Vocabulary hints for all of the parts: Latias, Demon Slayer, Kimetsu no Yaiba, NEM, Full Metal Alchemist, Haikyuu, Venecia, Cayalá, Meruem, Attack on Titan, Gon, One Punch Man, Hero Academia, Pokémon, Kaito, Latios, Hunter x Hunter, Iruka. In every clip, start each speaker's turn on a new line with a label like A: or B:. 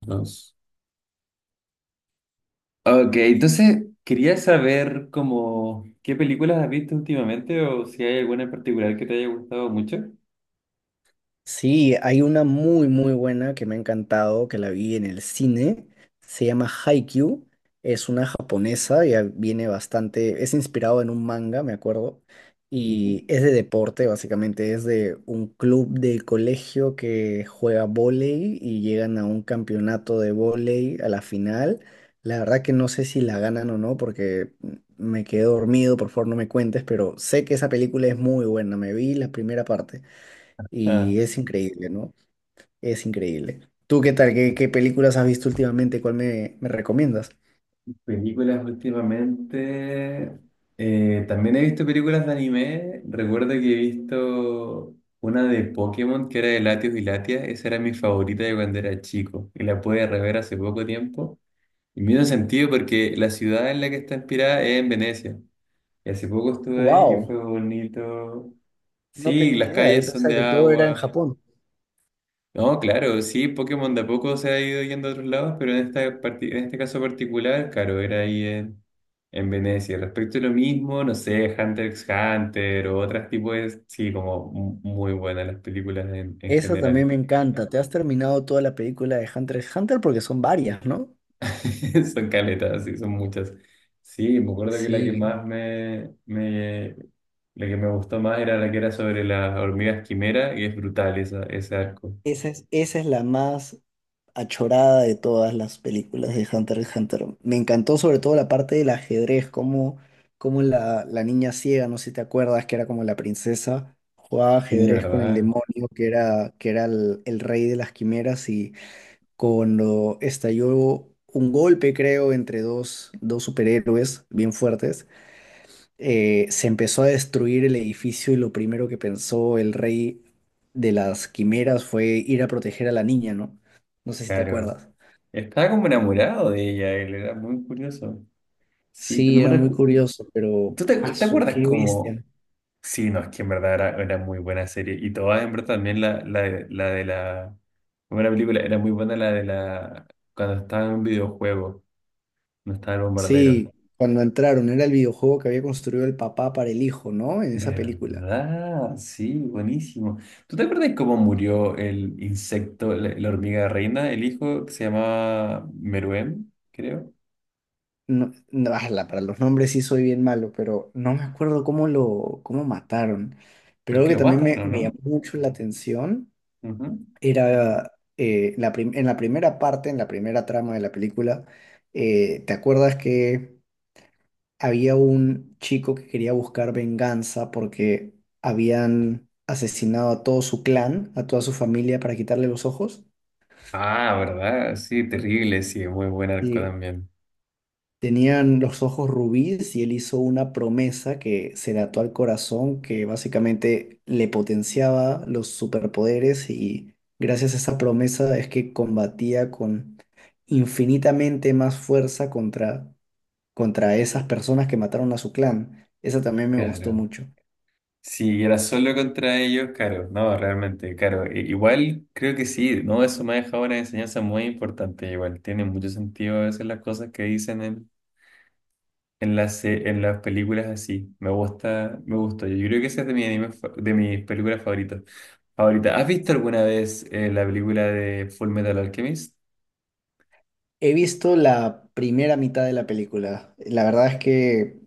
A: Dos. Ok, entonces quería saber como qué películas has visto últimamente o si hay alguna en particular que te haya gustado mucho.
B: Sí, hay una muy muy buena que me ha encantado, que la vi en el cine, se llama Haikyuu, es una japonesa, ya viene bastante, es inspirado en un manga, me acuerdo,
A: Ujú.
B: y es de deporte básicamente, es de un club de colegio que juega vóley y llegan a un campeonato de vóley a la final. La verdad que no sé si la ganan o no porque me quedé dormido, por favor no me cuentes, pero sé que esa película es muy buena, me vi la primera parte.
A: Ah,
B: Y es increíble, ¿no? Es increíble. ¿Tú qué tal? ¿Qué películas has visto últimamente? ¿Cuál me recomiendas?
A: películas últimamente. También he visto películas de anime. Recuerdo que he visto una de Pokémon que era de Latios y Latias. Esa era mi favorita de cuando era chico. Y la pude rever hace poco tiempo. Y me hizo sentido porque la ciudad en la que está inspirada es en Venecia. Y hace poco estuve ahí y fue
B: ¡Wow!
A: bonito.
B: No
A: Sí,
B: tenía
A: las
B: idea. Yo
A: calles son
B: pensaba
A: de
B: que todo era en
A: agua.
B: Japón.
A: No, claro, sí, Pokémon de a poco se ha ido yendo a otros lados, pero en este caso particular, claro, era ahí en Venecia. Respecto a lo mismo, no sé, Hunter x Hunter o otros tipos de... Sí, como muy buenas las películas en
B: Esa también
A: general.
B: me encanta. ¿Te has terminado toda la película de Hunter x Hunter? Porque son varias, ¿no?
A: Son caletas, sí, son muchas. Sí, me acuerdo que la que
B: Sí.
A: más me... La que me gustó más era la que era sobre las hormigas quimera, y es brutal esa, ese arco.
B: Esa es la más achorada de todas las películas de Hunter x Hunter. Me encantó sobre todo la parte del ajedrez, como la niña ciega, no sé si te acuerdas, que era como la princesa, jugaba
A: Sí,
B: ajedrez con el
A: ¿verdad?
B: demonio, que era el rey de las quimeras, y cuando estalló un golpe, creo, entre dos superhéroes bien fuertes, se empezó a destruir el edificio y lo primero que pensó el rey de las quimeras fue ir a proteger a la niña, ¿no? No sé si te
A: Claro.
B: acuerdas.
A: Estaba como enamorado de ella, él era muy curioso. Sí, pero
B: Sí,
A: no me
B: era muy
A: recuerdo.
B: curioso, pero
A: ¿Tú te
B: ¡asu!
A: acuerdas
B: ¡Qué
A: cómo?
B: bestia!
A: Sí, no, es que en verdad era muy buena serie. Y todas, en verdad, también la de la. Como era película, era muy buena la de la. Cuando estaba en un videojuego, no estaba el bombardero.
B: Sí, cuando entraron, era el videojuego que había construido el papá para el hijo, ¿no? En esa película.
A: ¿Verdad? Sí, buenísimo. ¿Tú te acuerdas cómo murió el insecto, la hormiga reina, el hijo que se llamaba Meruem, creo?
B: No, no, ala, para los nombres sí soy bien malo, pero no me acuerdo cómo mataron. Pero algo
A: Porque
B: que
A: lo
B: también
A: matan,
B: me,
A: ¿o
B: me llamó
A: no?
B: mucho la atención
A: Ujú.
B: era en la primera parte, en la primera trama de la película, ¿te acuerdas que había un chico que quería buscar venganza porque habían asesinado a todo su clan, a toda su familia para quitarle los ojos?
A: Ah, ¿verdad? Sí, terrible, sí, muy buen arco
B: Y
A: también.
B: tenían los ojos rubíes y él hizo una promesa que se le ató al corazón, que básicamente le potenciaba los superpoderes y gracias a esa promesa es que combatía con infinitamente más fuerza contra esas personas que mataron a su clan. Esa también me gustó
A: Claro.
B: mucho.
A: Si era solo contra ellos, claro, no, realmente, claro. Igual creo que sí, no, eso me ha dejado una enseñanza muy importante. Igual tiene mucho sentido a veces las cosas que dicen en las, en las películas así. Me gusta, me gusta. Yo creo que esa es de de mis películas favoritas. Favorita. ¿Has visto alguna vez la película de Full Metal Alchemist?
B: He visto la primera mitad de la película. La verdad es que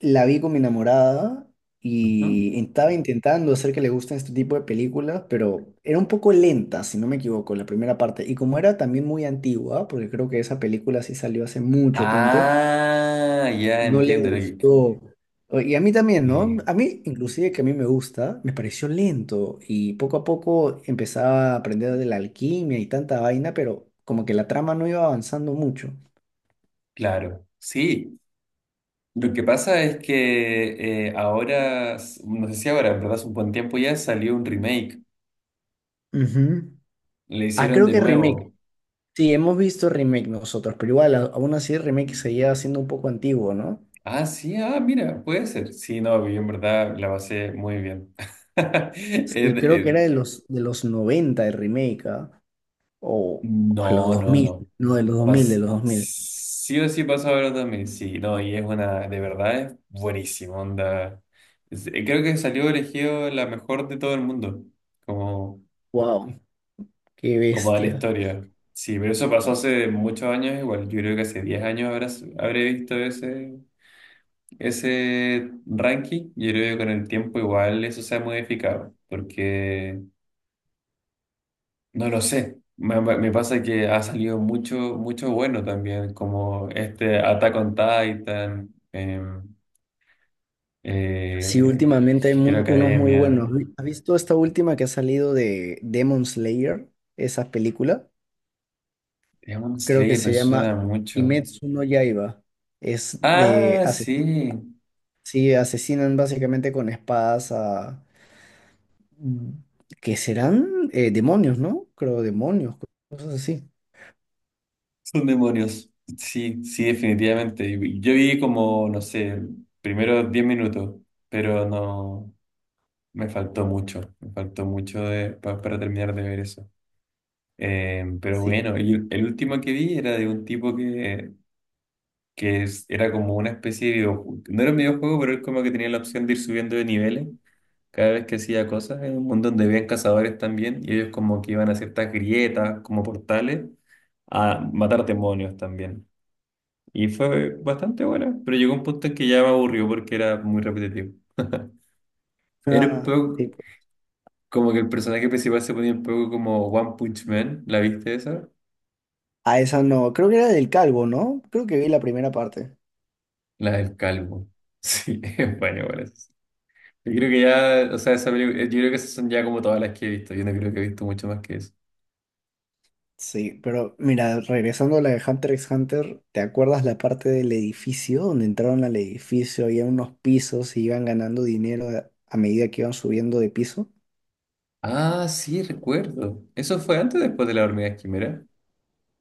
B: la vi con mi enamorada
A: Ujú.
B: y estaba intentando hacer que le gusten este tipo de películas, pero era un poco lenta, si no me equivoco, la primera parte. Y como era también muy antigua, porque creo que esa película sí salió hace mucho tiempo,
A: Ah, ya
B: no le
A: entiendo.
B: gustó. Y a mí también, ¿no?
A: Eh,
B: A mí, inclusive que a mí me gusta, me pareció lento y poco a poco empezaba a aprender de la alquimia y tanta vaina, pero como que la trama no iba avanzando mucho.
A: Claro, sí. Lo que pasa es que ahora, no sé si ahora, en verdad hace un buen tiempo ya salió un remake.
B: Ujú.
A: Le
B: Ah,
A: hicieron
B: creo
A: de
B: que remake.
A: nuevo.
B: Sí, hemos visto remake nosotros, pero igual, aún así el remake seguía siendo un poco antiguo, ¿no?
A: Ah, sí, ah, mira, puede ser. Sí, no, yo en verdad la pasé muy bien. Eh,
B: Sí, creo que
A: eh,
B: era de los 90 el remake, ¿ah? O, o los
A: no,
B: dos
A: no,
B: mil
A: no.
B: no, de los dos mil de los dos mil
A: Sí o sí pasa ahora también. Sí, no, y es una, de verdad es buenísimo, onda. Creo que salió elegido la mejor de todo el mundo. Como.
B: ¡Wow! ¡Qué
A: Como da la
B: bestia!
A: historia. Sí, pero eso pasó hace muchos años igual. Yo creo que hace 10 años habré visto ese, ese ranking. Yo creo que con el tiempo igual eso se ha modificado, porque no lo sé. Me pasa que ha salido mucho, mucho bueno también, como este Attack on Titan,
B: Sí,
A: eh,
B: últimamente hay
A: Hero
B: unos muy
A: Academia.
B: buenos. ¿Has visto esta última que ha salido de Demon Slayer? Esa película.
A: Demon
B: Creo que
A: Slayer me
B: se llama
A: suena mucho.
B: Kimetsu no Yaiba. Es de.
A: Ah, sí.
B: Sí, asesinan básicamente con espadas a mm, que serán demonios, ¿no? Creo demonios, cosas así.
A: Son demonios. Sí, sí, definitivamente. Yo vi como, no sé, primero 10 minutos, pero no, me faltó mucho de, para terminar de ver eso. Pero
B: Sí.
A: bueno, y el último que vi era de un tipo que, era como una especie de videojuego. No era un videojuego, pero él como que tenía la opción de ir subiendo de niveles cada vez que hacía cosas. En un mundo donde habían cazadores también y ellos como que iban a ciertas grietas, como portales, a matar demonios también. Y fue bastante buena, pero llegó un punto en que ya me aburrió porque era muy repetitivo. Era un
B: Ah,
A: poco
B: sí.
A: como que el personaje principal se ponía un poco como One Punch Man, ¿la viste esa?
B: A esa no, creo que era del calvo, ¿no? Creo que vi la primera parte.
A: La del calvo. Sí, es bueno, bueno. Yo creo que ya, o sea, yo creo que esas son ya como todas las que he visto. Yo no creo que he visto mucho más que eso.
B: Sí, pero mira, regresando a la de Hunter x Hunter, ¿te acuerdas la parte del edificio? Donde entraron al edificio, había unos pisos y iban ganando dinero a medida que iban subiendo de piso.
A: Ah, sí, recuerdo. ¿Eso fue antes o después de la hormiga quimera?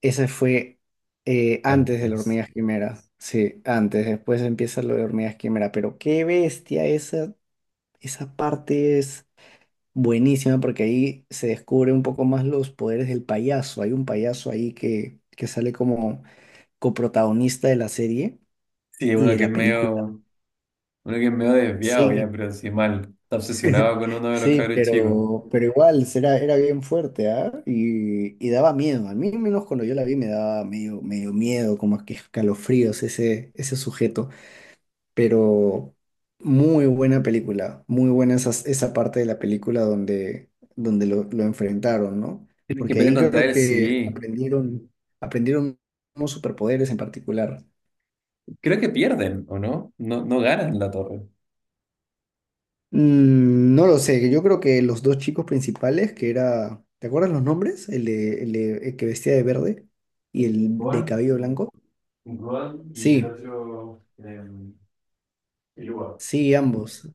B: Ese fue antes de las
A: Antes.
B: hormigas quimera. Sí, antes. Después empieza lo de hormigas quimera. Pero qué bestia, esa parte es buenísima porque ahí se descubre un poco más los poderes del payaso. Hay un payaso ahí que sale como coprotagonista de la serie
A: Sí,
B: y de la película.
A: uno que es medio desviado ya,
B: Sí,
A: pero así mal. Está obsesionado con uno de los
B: Sí,
A: cabros chicos.
B: pero igual era bien fuerte, ¿ah? Y daba miedo. A mí, al menos cuando yo la vi, me daba medio miedo, como que escalofríos ese sujeto. Pero muy buena película, muy buena esa parte de la película donde lo enfrentaron, ¿no?
A: Tienen que
B: Porque
A: pelear
B: ahí
A: contra
B: creo
A: él,
B: que
A: sí.
B: aprendieron unos superpoderes en particular.
A: Creo que pierden, ¿o no? No, no ganan la torre.
B: No lo sé, yo creo que los dos chicos principales, que era, ¿te acuerdas los nombres? El que vestía de verde y
A: Eh,
B: el de
A: Gon,
B: cabello blanco.
A: Gon y el
B: Sí,
A: otro, Iruka.
B: sí, ambos,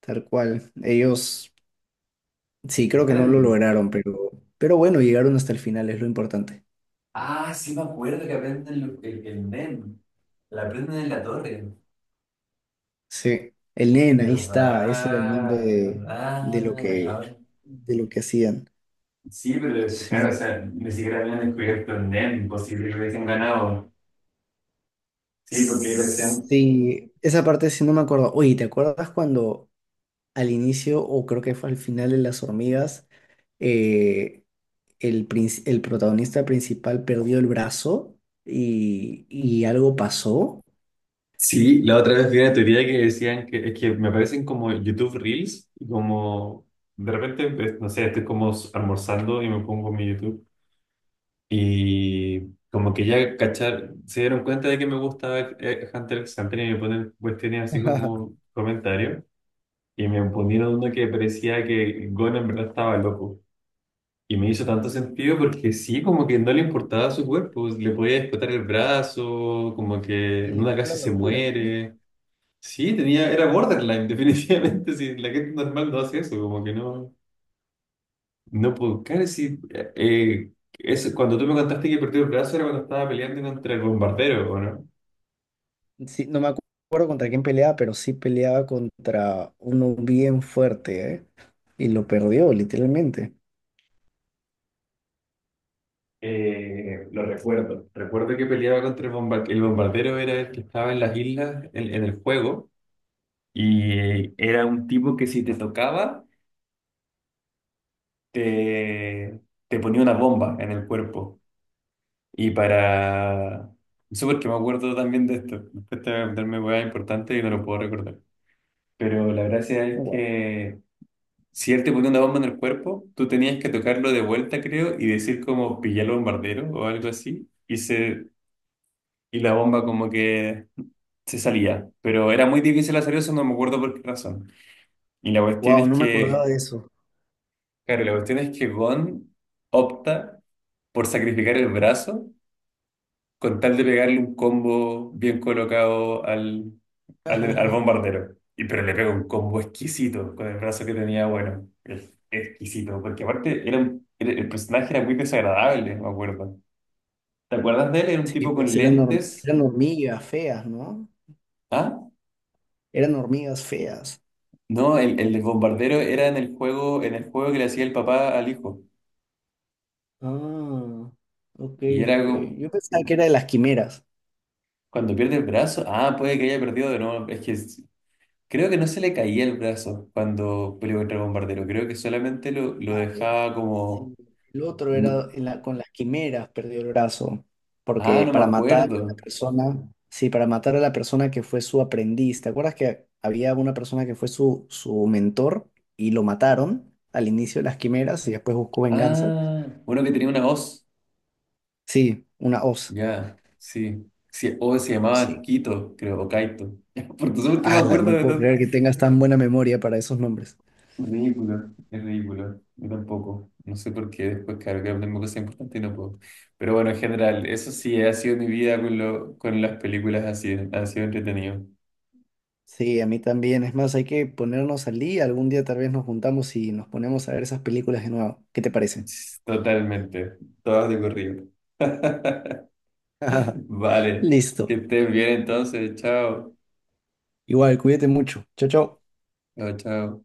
B: tal cual. Ellos, sí,
A: Es
B: creo
A: que
B: que no lo
A: eran-
B: lograron, pero bueno, llegaron hasta el final, es lo importante.
A: Ah, sí me acuerdo que aprenden el NEM. La aprenden en la torre.
B: Sí, el nena, ahí está, ese era el nombre
A: ¿Verdad?
B: de lo
A: ¿Verdad? A
B: que,
A: ver.
B: de lo que hacían.
A: Sí, pero claro, o
B: Sí.
A: sea, ni siquiera habían descubierto el NEM, posible que hubiesen ganado. Sí, porque ellos.
B: Sí, esa parte sí no me acuerdo. Oye, ¿te acuerdas cuando al inicio, o creo que fue al final de Las Hormigas, eh, el protagonista principal perdió el brazo y algo pasó.
A: Sí, la otra vez vi una teoría que decían que es que me aparecen como YouTube Reels y como de repente, pues, no sé, estoy como almorzando y me pongo mi YouTube, y como que ya cachar, se dieron cuenta de que me gusta Hunter x Hunter y me ponen cuestiones así como comentarios, y me ponieron uno que parecía que Gon en verdad estaba loco. Y me hizo tanto sentido porque sí, como que no le importaba su cuerpo, le podía explotar el brazo, como que
B: Y
A: en
B: le
A: una
B: fue la
A: casi se
B: locura, ¿no?
A: muere. Sí, tenía, era borderline, definitivamente. Sí, la gente normal no hace eso, como que no, no puedo. Claro, sí, eso, cuando tú me contaste que perdió el brazo era cuando estaba peleando contra el bombardero, ¿o no?
B: Sí, no me acuerdo contra quién peleaba, pero sí peleaba contra uno bien fuerte, ¿eh? Y lo perdió, literalmente.
A: Lo recuerdo. Recuerdo que peleaba contra el bombardero. El bombardero era el que estaba en las islas, en el juego, y era un tipo que si te tocaba, te, te ponía una bomba en el cuerpo. Y para... Eso porque me acuerdo también de esto. Me cuesta meterme hueá importante y no lo puedo recordar. Pero la gracia es que si él te ponía una bomba en el cuerpo, tú tenías que tocarlo de vuelta, creo, y decir como pillé al bombardero o algo así. Y, se... y la bomba como que se salía. Pero era muy difícil hacer eso, no me acuerdo por qué razón. Y la cuestión
B: Wow,
A: es
B: no me acordaba
A: que...
B: de eso.
A: Claro, la cuestión es que Gon opta por sacrificar el brazo con tal de pegarle un combo bien colocado al bombardero. Y, pero le pega un combo exquisito con el brazo que tenía, bueno, exquisito, porque aparte el personaje era muy desagradable, me acuerdo. ¿Te acuerdas de él? Era un
B: Sí,
A: tipo con
B: pues
A: lentes.
B: eran hormigas feas, ¿no?
A: ¿Ah?
B: Eran hormigas feas.
A: No, el bombardero era en el juego que le hacía el papá al hijo.
B: Ah, ok,
A: Y era
B: ok.
A: como-
B: Yo pensaba que era de las quimeras.
A: Cuando pierde el brazo, ah, puede que haya perdido de nuevo. Es que Creo que no se le caía el brazo cuando peleó contra el bombardero. Creo que solamente lo
B: Ah, ya.
A: dejaba
B: Sí,
A: como.
B: el otro
A: No.
B: era con las quimeras perdió el brazo,
A: Ah,
B: porque
A: no me
B: para matar a la
A: acuerdo.
B: persona, sí, para matar a la persona que fue su aprendiz. ¿Te acuerdas que había una persona que fue su mentor y lo mataron al inicio de las quimeras y después buscó venganza?
A: Ah, uno que tenía una hoz.
B: Sí, una hoz.
A: Ya, sí. Sí, o se llamaba
B: Sí.
A: Quito, creo, o Kaito. Por eso es que me
B: Ala,
A: acuerdo
B: no
A: de
B: puedo
A: todo.
B: creer que tengas tan buena memoria para esos nombres.
A: Ridículo, es ridículo. Yo tampoco. No sé por qué después, claro, que tengo cosas importantes y no puedo. Pero bueno, en general, eso sí, ha sido mi vida con, lo, con las películas así. Ha sido entretenido.
B: Sí, a mí también. Es más, hay que ponernos al día. Algún día tal vez nos juntamos y nos ponemos a ver esas películas de nuevo. ¿Qué te parece?
A: Totalmente, todas de corrido. Vale, que
B: Listo.
A: estén bien entonces, chao,
B: Igual, cuídate mucho. Chao, chao.
A: chao, chao.